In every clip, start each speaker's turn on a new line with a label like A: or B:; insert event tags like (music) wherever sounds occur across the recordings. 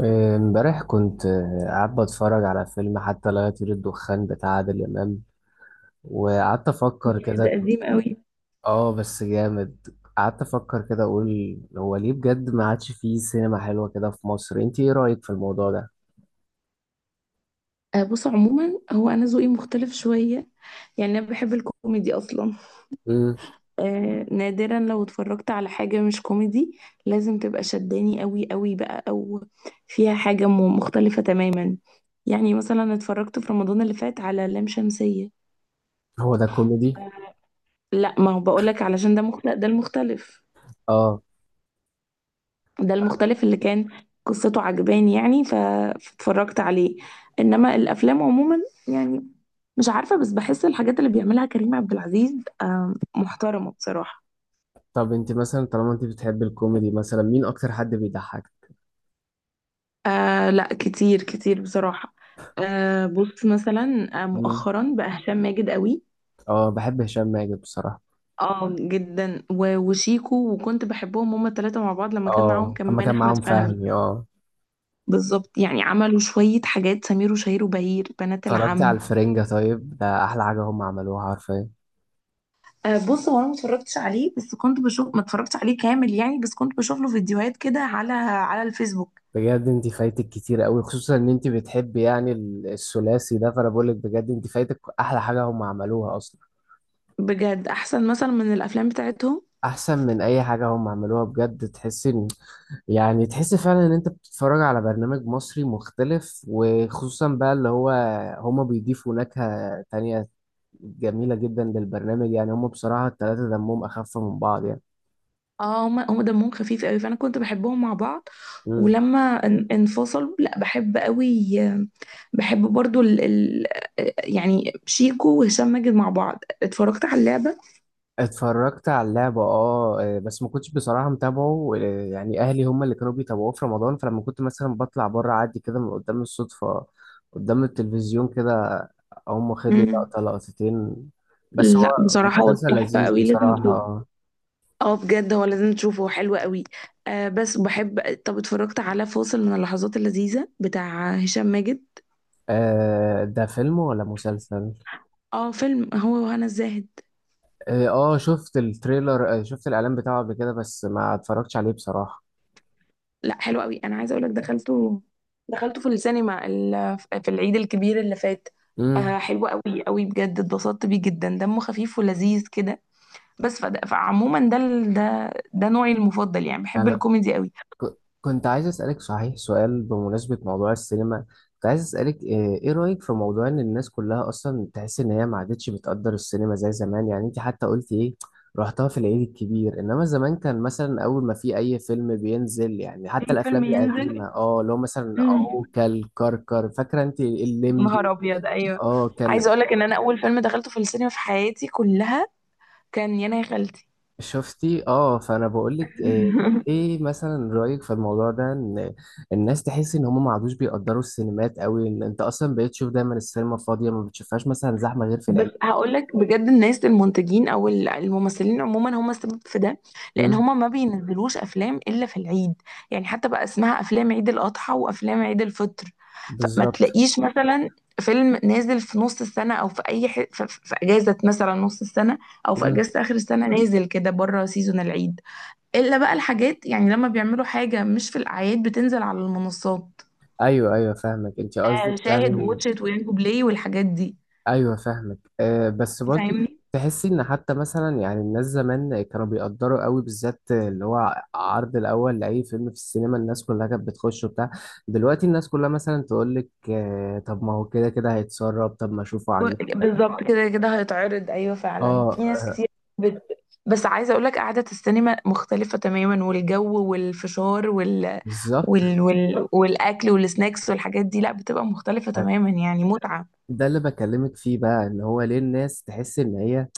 A: امبارح كنت قاعد بتفرج على فيلم حتى لا يطير الدخان بتاع عادل إمام، وقعدت أفكر
B: ياه، ده
A: كده.
B: قديم قوي.
A: اه، بس جامد. قعدت أفكر كده أقول هو ليه بجد ما عادش فيه سينما حلوة كده في مصر، انت ايه رأيك في الموضوع ده؟
B: آه، بص، عموما هو انا ذوقي مختلف شويه. يعني انا بحب الكوميدي اصلا.
A: مم.
B: آه، نادرا لو اتفرجت على حاجه مش كوميدي لازم تبقى شداني قوي قوي بقى، او فيها حاجه مختلفه تماما. يعني مثلا اتفرجت في رمضان اللي فات على لام شمسيه.
A: هو ده كوميدي؟
B: لا، ما هو بقولك علشان ده مختلف، ده المختلف.
A: اه.
B: ده المختلف اللي كان قصته عجباني، يعني فاتفرجت عليه. انما الافلام عموما، يعني مش عارفه، بس بحس الحاجات اللي بيعملها كريم عبد العزيز محترمه بصراحه.
A: طب انت مثلا طالما انت بتحبي الكوميدي، مثلا مين أكتر حد بيضحك؟
B: آه، لا، كتير كتير بصراحه. آه، بص مثلا
A: مم.
B: مؤخرا بقى هشام ماجد قوي.
A: اه، بحب هشام ماجد بصراحة.
B: اه، جدا، وشيكو، وكنت بحبهم هما الثلاثه مع بعض لما كان معاهم
A: اه، أما
B: كمان
A: كان
B: احمد
A: معاهم
B: فهمي.
A: فهمي، اه.
B: بالظبط. يعني عملوا شويه حاجات، سمير وشهير وبهير، بنات
A: اتفرجت على
B: العم.
A: الفرنجة؟ طيب ده أحلى حاجة هم عملوها حرفيا.
B: آه، بص، هو انا ما اتفرجتش عليه بس كنت بشوف، ما اتفرجتش عليه كامل يعني، بس كنت بشوف له فيديوهات كده على الفيسبوك.
A: بجد انت فايتك كتير قوي، خصوصا ان انت بتحبي يعني الثلاثي ده، فانا بقول لك بجد انت فايتك احلى حاجه هم عملوها اصلا.
B: بجد احسن مثلا من الافلام بتاعتهم.
A: احسن من اي حاجه هم عملوها، بجد تحس ان يعني تحس فعلا ان انت بتتفرج على برنامج مصري مختلف، وخصوصا بقى اللي هو هم بيضيفوا نكهه تانية جميله جدا للبرنامج. يعني هم بصراحه الثلاثه دمهم اخف من بعض.
B: اه، هم دمهم خفيف قوي، فانا كنت بحبهم مع بعض.
A: يعني
B: ولما انفصلوا، لا بحب قوي بحب برضو يعني شيكو وهشام ماجد مع بعض، اتفرجت على اللعبة.
A: اتفرجت على اللعبة، اه، بس ما كنتش بصراحة متابعه، يعني اهلي هم اللي كانوا بيتابعوه في رمضان، فلما كنت مثلا بطلع بره عادي كده من قدام الصدفة، قدام التلفزيون كده، هم واخد لي
B: امم.
A: لقطة لقطتين. بس هو
B: لا، بصراحة هو
A: مسلسل
B: تحفة
A: لذيذ
B: قوي، لازم
A: بصراحة
B: تشوف.
A: آه
B: اه، بجد هو لازم تشوفه، هو حلو قوي. آه، بس بحب. طب اتفرجت على فاصل من اللحظات اللذيذة بتاع هشام ماجد.
A: ده فيلم ولا مسلسل؟
B: اه، فيلم، هو وهنا الزاهد.
A: اه، شفت التريلر، شفت الاعلان بتاعه قبل كده، بس ما اتفرجتش عليه بصراحة.
B: لا، حلو قوي، انا عايزه اقول لك، دخلته في السينما في العيد الكبير اللي فات.
A: امم.
B: آه، حلو قوي قوي، بجد اتبسطت بيه جدا، دمه خفيف ولذيذ كده. بس فعموما ده ال- ده ده نوعي المفضل، يعني بحب الكوميدي قوي.
A: كنت عايز أسألك صحيح سؤال بمناسبة موضوع السينما. كنت عايز أسألك إيه، إيه رأيك في موضوع إن الناس كلها أصلا تحس إن هي ما عادتش بتقدر السينما زي زمان، يعني أنت حتى قلت إيه، رحتها في العيد الكبير، إنما زمان كان مثلا أول ما في أي فيلم بينزل، يعني حتى
B: اي
A: الأفلام
B: فيلم
A: القديمة
B: ينزل.
A: اللي هو مثلا
B: مم.
A: عوكل كركر، فاكرة أنت
B: نهار
A: الليمبي؟
B: ابيض، ايوه.
A: أه،
B: عايزه
A: كان.
B: اقول لك ان انا اول فيلم دخلته في السينما في حياتي كلها كان يانا يا خالتي.
A: شفتي؟ اه، فانا بقول لك ايه،
B: (laughs)
A: إيه مثلا رايك في الموضوع ده، ان الناس تحس ان هم ما عادوش بيقدروا السينمات قوي، ان انت اصلا بقيت تشوف دايما السينما فاضيه، ما بتشوفهاش مثلا زحمه غير في
B: بس
A: العيد.
B: هقول لك بجد، الناس المنتجين او الممثلين عموما هم السبب في ده. لان
A: امم.
B: هم ما بينزلوش افلام الا في العيد. يعني حتى بقى اسمها افلام عيد الاضحى وافلام عيد الفطر. فما
A: بالظبط.
B: تلاقيش مثلا فيلم نازل في نص السنه، او في اي ح... في... في في اجازه مثلا نص السنه، او في
A: امم.
B: اجازه اخر السنه نازل كده بره سيزون العيد. الا بقى الحاجات، يعني لما بيعملوا حاجة مش في الأعياد بتنزل على المنصات.
A: ايوه ايوه، فاهمك انت قصدك
B: شاهد
A: يعني.
B: ووتشت وينجو بلاي والحاجات دي.
A: ايوه، فاهمك. أه، بس برضه
B: فاهمني.
A: تحسي ان حتى مثلا يعني الناس زمان كانوا بيقدروا قوي، بالذات اللي هو عرض الاول لاي فيلم في السينما، الناس كلها كانت بتخش وبتاع. دلوقتي الناس كلها مثلا تقول لك أه، طب ما هو كده كده هيتسرب، طب ما اشوفه عن.
B: بالظبط، كده كده هيتعرض، أيوة
A: اه.
B: فعلا في ناس كتير. بت... بس عايزة أقولك قعدة السينما مختلفة تماما، والجو والفشار
A: بالظبط،
B: والأكل والسناكس والحاجات دي، لا بتبقى مختلفة تماما، يعني متعة.
A: ده اللي بكلمك فيه بقى، ان هو ليه الناس تحس ان هي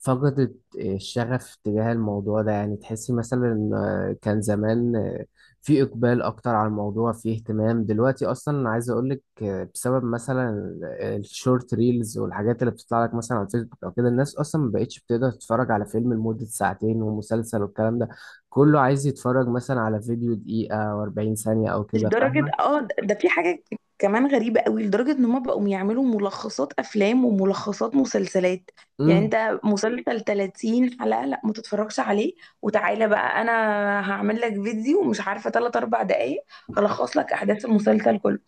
A: فقدت الشغف تجاه الموضوع ده، يعني تحس مثلا، كان زمان، في اقبال اكتر على الموضوع، في اهتمام. دلوقتي اصلا انا عايز اقولك، بسبب مثلا الشورت ريلز والحاجات اللي بتطلع لك مثلا على الفيسبوك او كده، الناس اصلا ما بقتش بتقدر تتفرج على فيلم لمدة ساعتين ومسلسل، والكلام ده كله عايز يتفرج مثلا على فيديو دقيقة و40 ثانية او كده،
B: لدرجة
A: فاهمة؟
B: ده في حاجة كمان غريبة قوي، لدرجة ان هما بقوا يعملوا ملخصات افلام وملخصات مسلسلات. يعني
A: امم.
B: انت مسلسل 30 حلقة لا ما تتفرجش عليه، وتعالى بقى انا هعمل لك فيديو مش عارفة 3 4 دقايق، هلخص لك احداث المسلسل كله.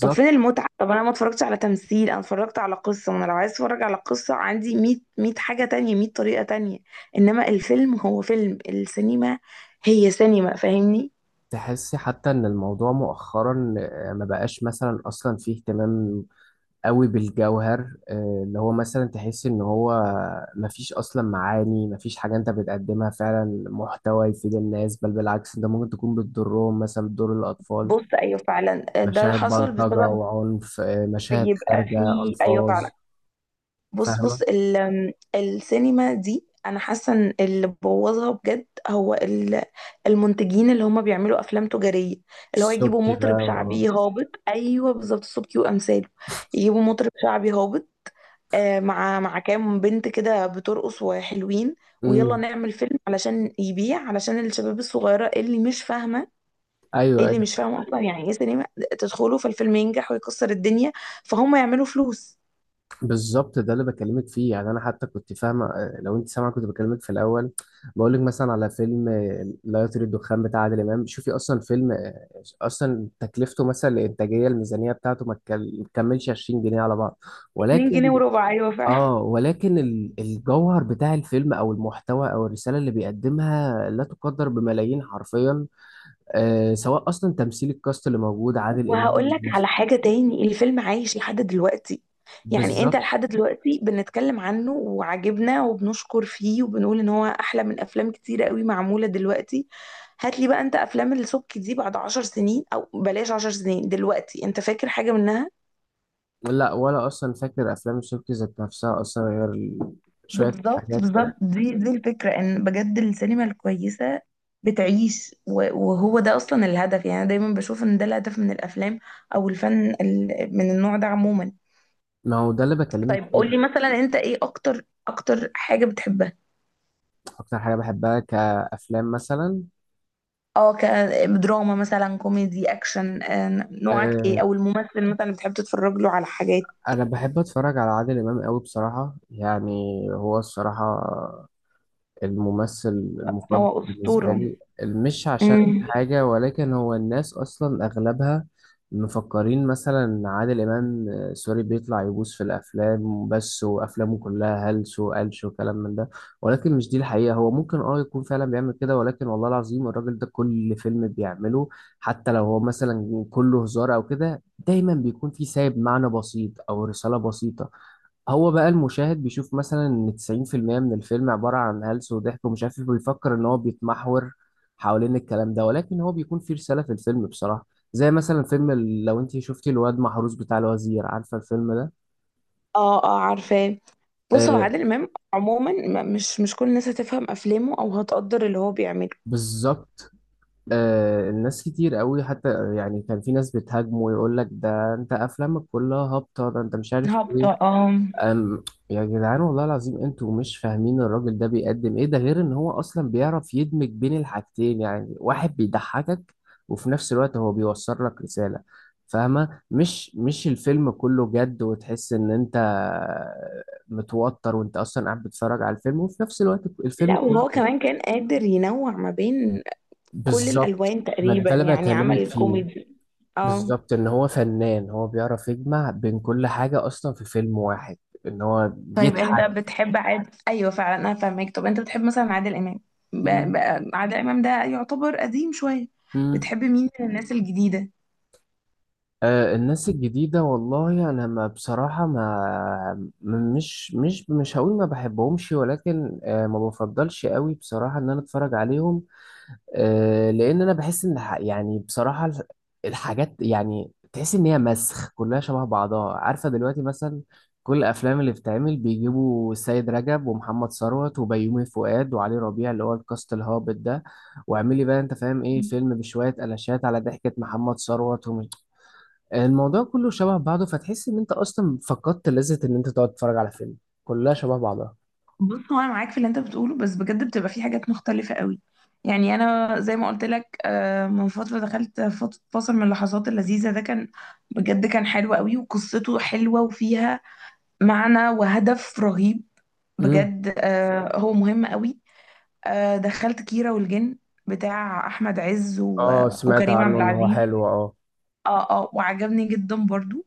B: طب فين المتعة؟ طب انا ما اتفرجتش على تمثيل، انا اتفرجت على قصة، وانا لو عايز اتفرج على قصة عندي 100 100 حاجة تانية، 100 طريقة تانية. انما الفيلم هو فيلم، السينما هي سينما، فاهمني.
A: تحسي حتى ان الموضوع مؤخرا، ما بقاش مثلا اصلا فيه اهتمام قوي بالجوهر، اللي هو مثلا تحسي ان هو ما فيش اصلا معاني، ما فيش حاجة انت بتقدمها فعلا محتوى يفيد الناس، بل بالعكس انت ممكن تكون بتضرهم، مثلا بتضر الاطفال،
B: بص، ايوه فعلا ده
A: مشاهد
B: حصل
A: بلطجة
B: بسبب.
A: وعنف، مشاهد
B: بيبقى
A: خارجة،
B: فيه، ايوه
A: الفاظ.
B: فعلا. بص
A: فاهمة.
B: السينما دي، انا حاسه ان اللي بوظها بجد هو المنتجين، اللي هم بيعملوا افلام تجاريه. اللي هو يجيبوا
A: السبكي بقى
B: مطرب
A: آه.
B: شعبي هابط. ايوه بالظبط، صوبكي وامثاله. يجيبوا مطرب شعبي هابط مع كام بنت كده بترقص وحلوين. ويلا
A: أمم.
B: نعمل فيلم علشان يبيع، علشان الشباب الصغيره اللي مش فاهمه ايه،
A: ايوه،
B: اللي مش فاهم اصلا يعني ايه سينما، تدخلوا، فالفيلم ينجح ويكسر الدنيا، فهم يعملوا فلوس.
A: بالظبط، ده اللي بكلمك فيه. يعني انا حتى كنت فاهمه، لو انت سامعه، كنت بكلمك في الاول بقول لك مثلا على فيلم، لا يطير الدخان بتاع عادل امام. شوفي اصلا فيلم، اصلا تكلفته مثلا الانتاجيه، الميزانيه بتاعته ما تكملش 20 جنيه على بعض.
B: 2 جنيه
A: ولكن
B: وربع، ايوه فعلا.
A: اه ولكن الجوهر بتاع الفيلم او المحتوى او الرساله اللي بيقدمها لا تقدر بملايين حرفيا، سواء اصلا تمثيل الكاست اللي موجود عادل امام
B: وهقول لك على حاجه تاني، الفيلم عايش لحد دلوقتي. يعني انت
A: بالظبط.
B: لحد دلوقتي بنتكلم عنه وعجبنا وبنشكر فيه، وبنقول ان هو احلى من افلام كتيره قوي معموله دلوقتي. هات لي بقى انت افلام السبكي دي بعد عشر سنين، او بلاش عشر سنين، دلوقتي انت فاكر حاجه منها؟
A: لا، ولا اصلا فاكر افلام شوكي ذات نفسها اصلا، غير شويه
B: بالظبط
A: حاجات كده.
B: بالظبط، دي الفكرة، ان بجد السينما الكويسة بتعيش، وهو ده اصلا الهدف، يعني انا دايما بشوف ان ده الهدف من الافلام، او الفن من النوع ده عموما.
A: ما هو ده اللي بكلمك
B: طيب
A: فيه.
B: قولي مثلا، انت ايه اكتر اكتر حاجة بتحبها؟
A: اكتر حاجه بحبها كافلام مثلا؟
B: اه، كدراما مثلا، كوميدي، اكشن نوعك ايه،
A: أه.
B: او الممثل مثلا اللي بتحب تتفرج له على حاجات.
A: انا بحب اتفرج على عادل امام قوي بصراحه، يعني هو الصراحه الممثل المفضل
B: هو
A: بالنسبة
B: اسطورة.
A: لي. مش عشان
B: امم.
A: حاجة، ولكن هو الناس أصلا أغلبها مفكرين مثلا عادل إمام، سوري، بيطلع يبوس في الأفلام بس، وأفلامه كلها هلس وقلش وكلام من ده. ولكن مش دي الحقيقة. هو ممكن يكون فعلا بيعمل كده، ولكن والله العظيم الراجل ده كل فيلم بيعمله، حتى لو هو مثلا كله هزار أو كده، دايما بيكون فيه سايب معنى بسيط أو رسالة بسيطة. هو بقى المشاهد بيشوف مثلا ان 90% من الفيلم عبارة عن هلس وضحك ومش عارف ايه، بيفكر ان هو بيتمحور حوالين الكلام ده، ولكن هو بيكون فيه رسالة في الفيلم بصراحة. زي مثلا فيلم لو انت شفتي الواد محروس بتاع الوزير، عارفة الفيلم ده؟
B: اه، اه، عارفاه. بص، هو
A: آه.
B: عادل امام عموما مش كل الناس هتفهم افلامه او هتقدر اللي هو بيعمله.
A: بالظبط. الناس كتير قوي حتى، يعني كان في ناس بتهاجمه ويقول لك ده انت افلامك كلها هابطة، ده انت مش عارف ايه.
B: هبطة، اه.
A: أم. يا جدعان والله العظيم انتوا مش فاهمين الراجل ده بيقدم ايه، ده غير ان هو اصلا بيعرف يدمج بين الحاجتين، يعني واحد بيضحكك وفي نفس الوقت هو بيوصل لك رسالة، فاهمة؟ مش الفيلم كله جد، وتحس ان انت متوتر وانت اصلا قاعد بتتفرج على الفيلم، وفي نفس الوقت الفيلم
B: لا،
A: كله
B: وهو
A: كده.
B: كمان كان قادر ينوع ما بين كل
A: بالظبط.
B: الالوان
A: ما
B: تقريبا،
A: ده اللي
B: يعني عمل
A: بكلمك فيه.
B: الكوميدي. اه.
A: بالظبط، ان هو فنان، هو بيعرف يجمع بين كل حاجة اصلا في فيلم واحد، ان هو
B: طيب انت
A: يضحك.
B: بتحب ايوه فعلا انا فاهمك، طب انت بتحب مثلا عادل امام. ب... ب... عادل امام ده يعتبر قديم شويه، بتحب
A: (laughs)
B: مين من الناس الجديده؟
A: الناس الجديدة، والله أنا ما بصراحة ما م- مش مش مش هقول ما بحبهمش، ولكن، ما بفضلش قوي بصراحة إن أنا أتفرج عليهم، لأن أنا بحس إن يعني بصراحة الحاجات، يعني تحس إن هي مسخ كلها شبه بعضها، عارفة دلوقتي مثلا كل الأفلام اللي بتتعمل بيجيبوا السيد رجب ومحمد ثروت وبيومي فؤاد وعلي ربيع، اللي هو الكاست الهابط ده، واعملي بقى أنت فاهم إيه، فيلم بشوية قلاشات على ضحكة محمد ثروت. الموضوع كله شبه بعضه، فتحس ان انت اصلا فقدت لذة ان انت تقعد تتفرج على فيلم، كلها شبه بعضها.
B: بص، هو انا معاك في اللي انت بتقوله، بس بجد بتبقى في حاجات مختلفه قوي. يعني انا زي ما قلت لك، من فتره دخلت فاصل من اللحظات اللذيذه، ده كان بجد كان حلو قوي، وقصته حلوه وفيها معنى وهدف رهيب.
A: امم.
B: بجد هو مهم قوي. دخلت كيرة والجن بتاع احمد عز
A: اه، سمعت
B: وكريم عبد
A: عنه ان هو
B: العزيز.
A: حلو، اه.
B: اه، اه، وعجبني جدا برضو.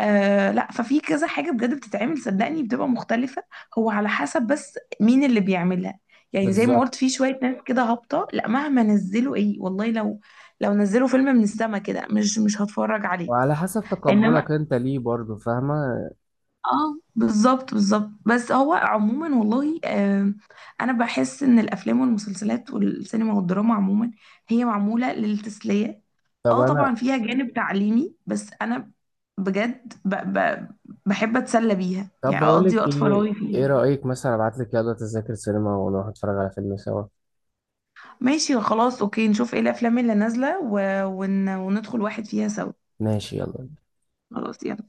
B: لا، ففي كذا حاجة بجد بتتعمل، صدقني بتبقى مختلفة. هو على حسب بس مين اللي بيعملها. يعني زي ما
A: بالظبط.
B: قلت في شوية ناس كده هابطة، لا مهما نزلوا ايه، والله لو نزلوا فيلم من السما كده مش هتفرج عليه.
A: وعلى حسب
B: انما.
A: تقبلك انت ليه برضه، فاهمة.
B: اه، بالظبط بالظبط، بس هو عموما والله انا بحس ان الافلام والمسلسلات والسينما والدراما عموما هي معموله للتسليه.
A: طب
B: اه،
A: انا،
B: طبعا فيها جانب تعليمي، بس انا بجد ب ب بحب اتسلى بيها،
A: طب
B: يعني
A: بقول
B: اقضي
A: لك
B: وقت
A: ايه،
B: فراغي
A: ايه
B: فيها.
A: رأيك مثلا ابعت لك يلا تذاكر سينما ونروح نتفرج على فيلم سوا؟
B: ماشي خلاص، اوكي، نشوف ايه الافلام اللي نازله وندخل واحد فيها سوا.
A: ماشي يلا.
B: خلاص، يلا.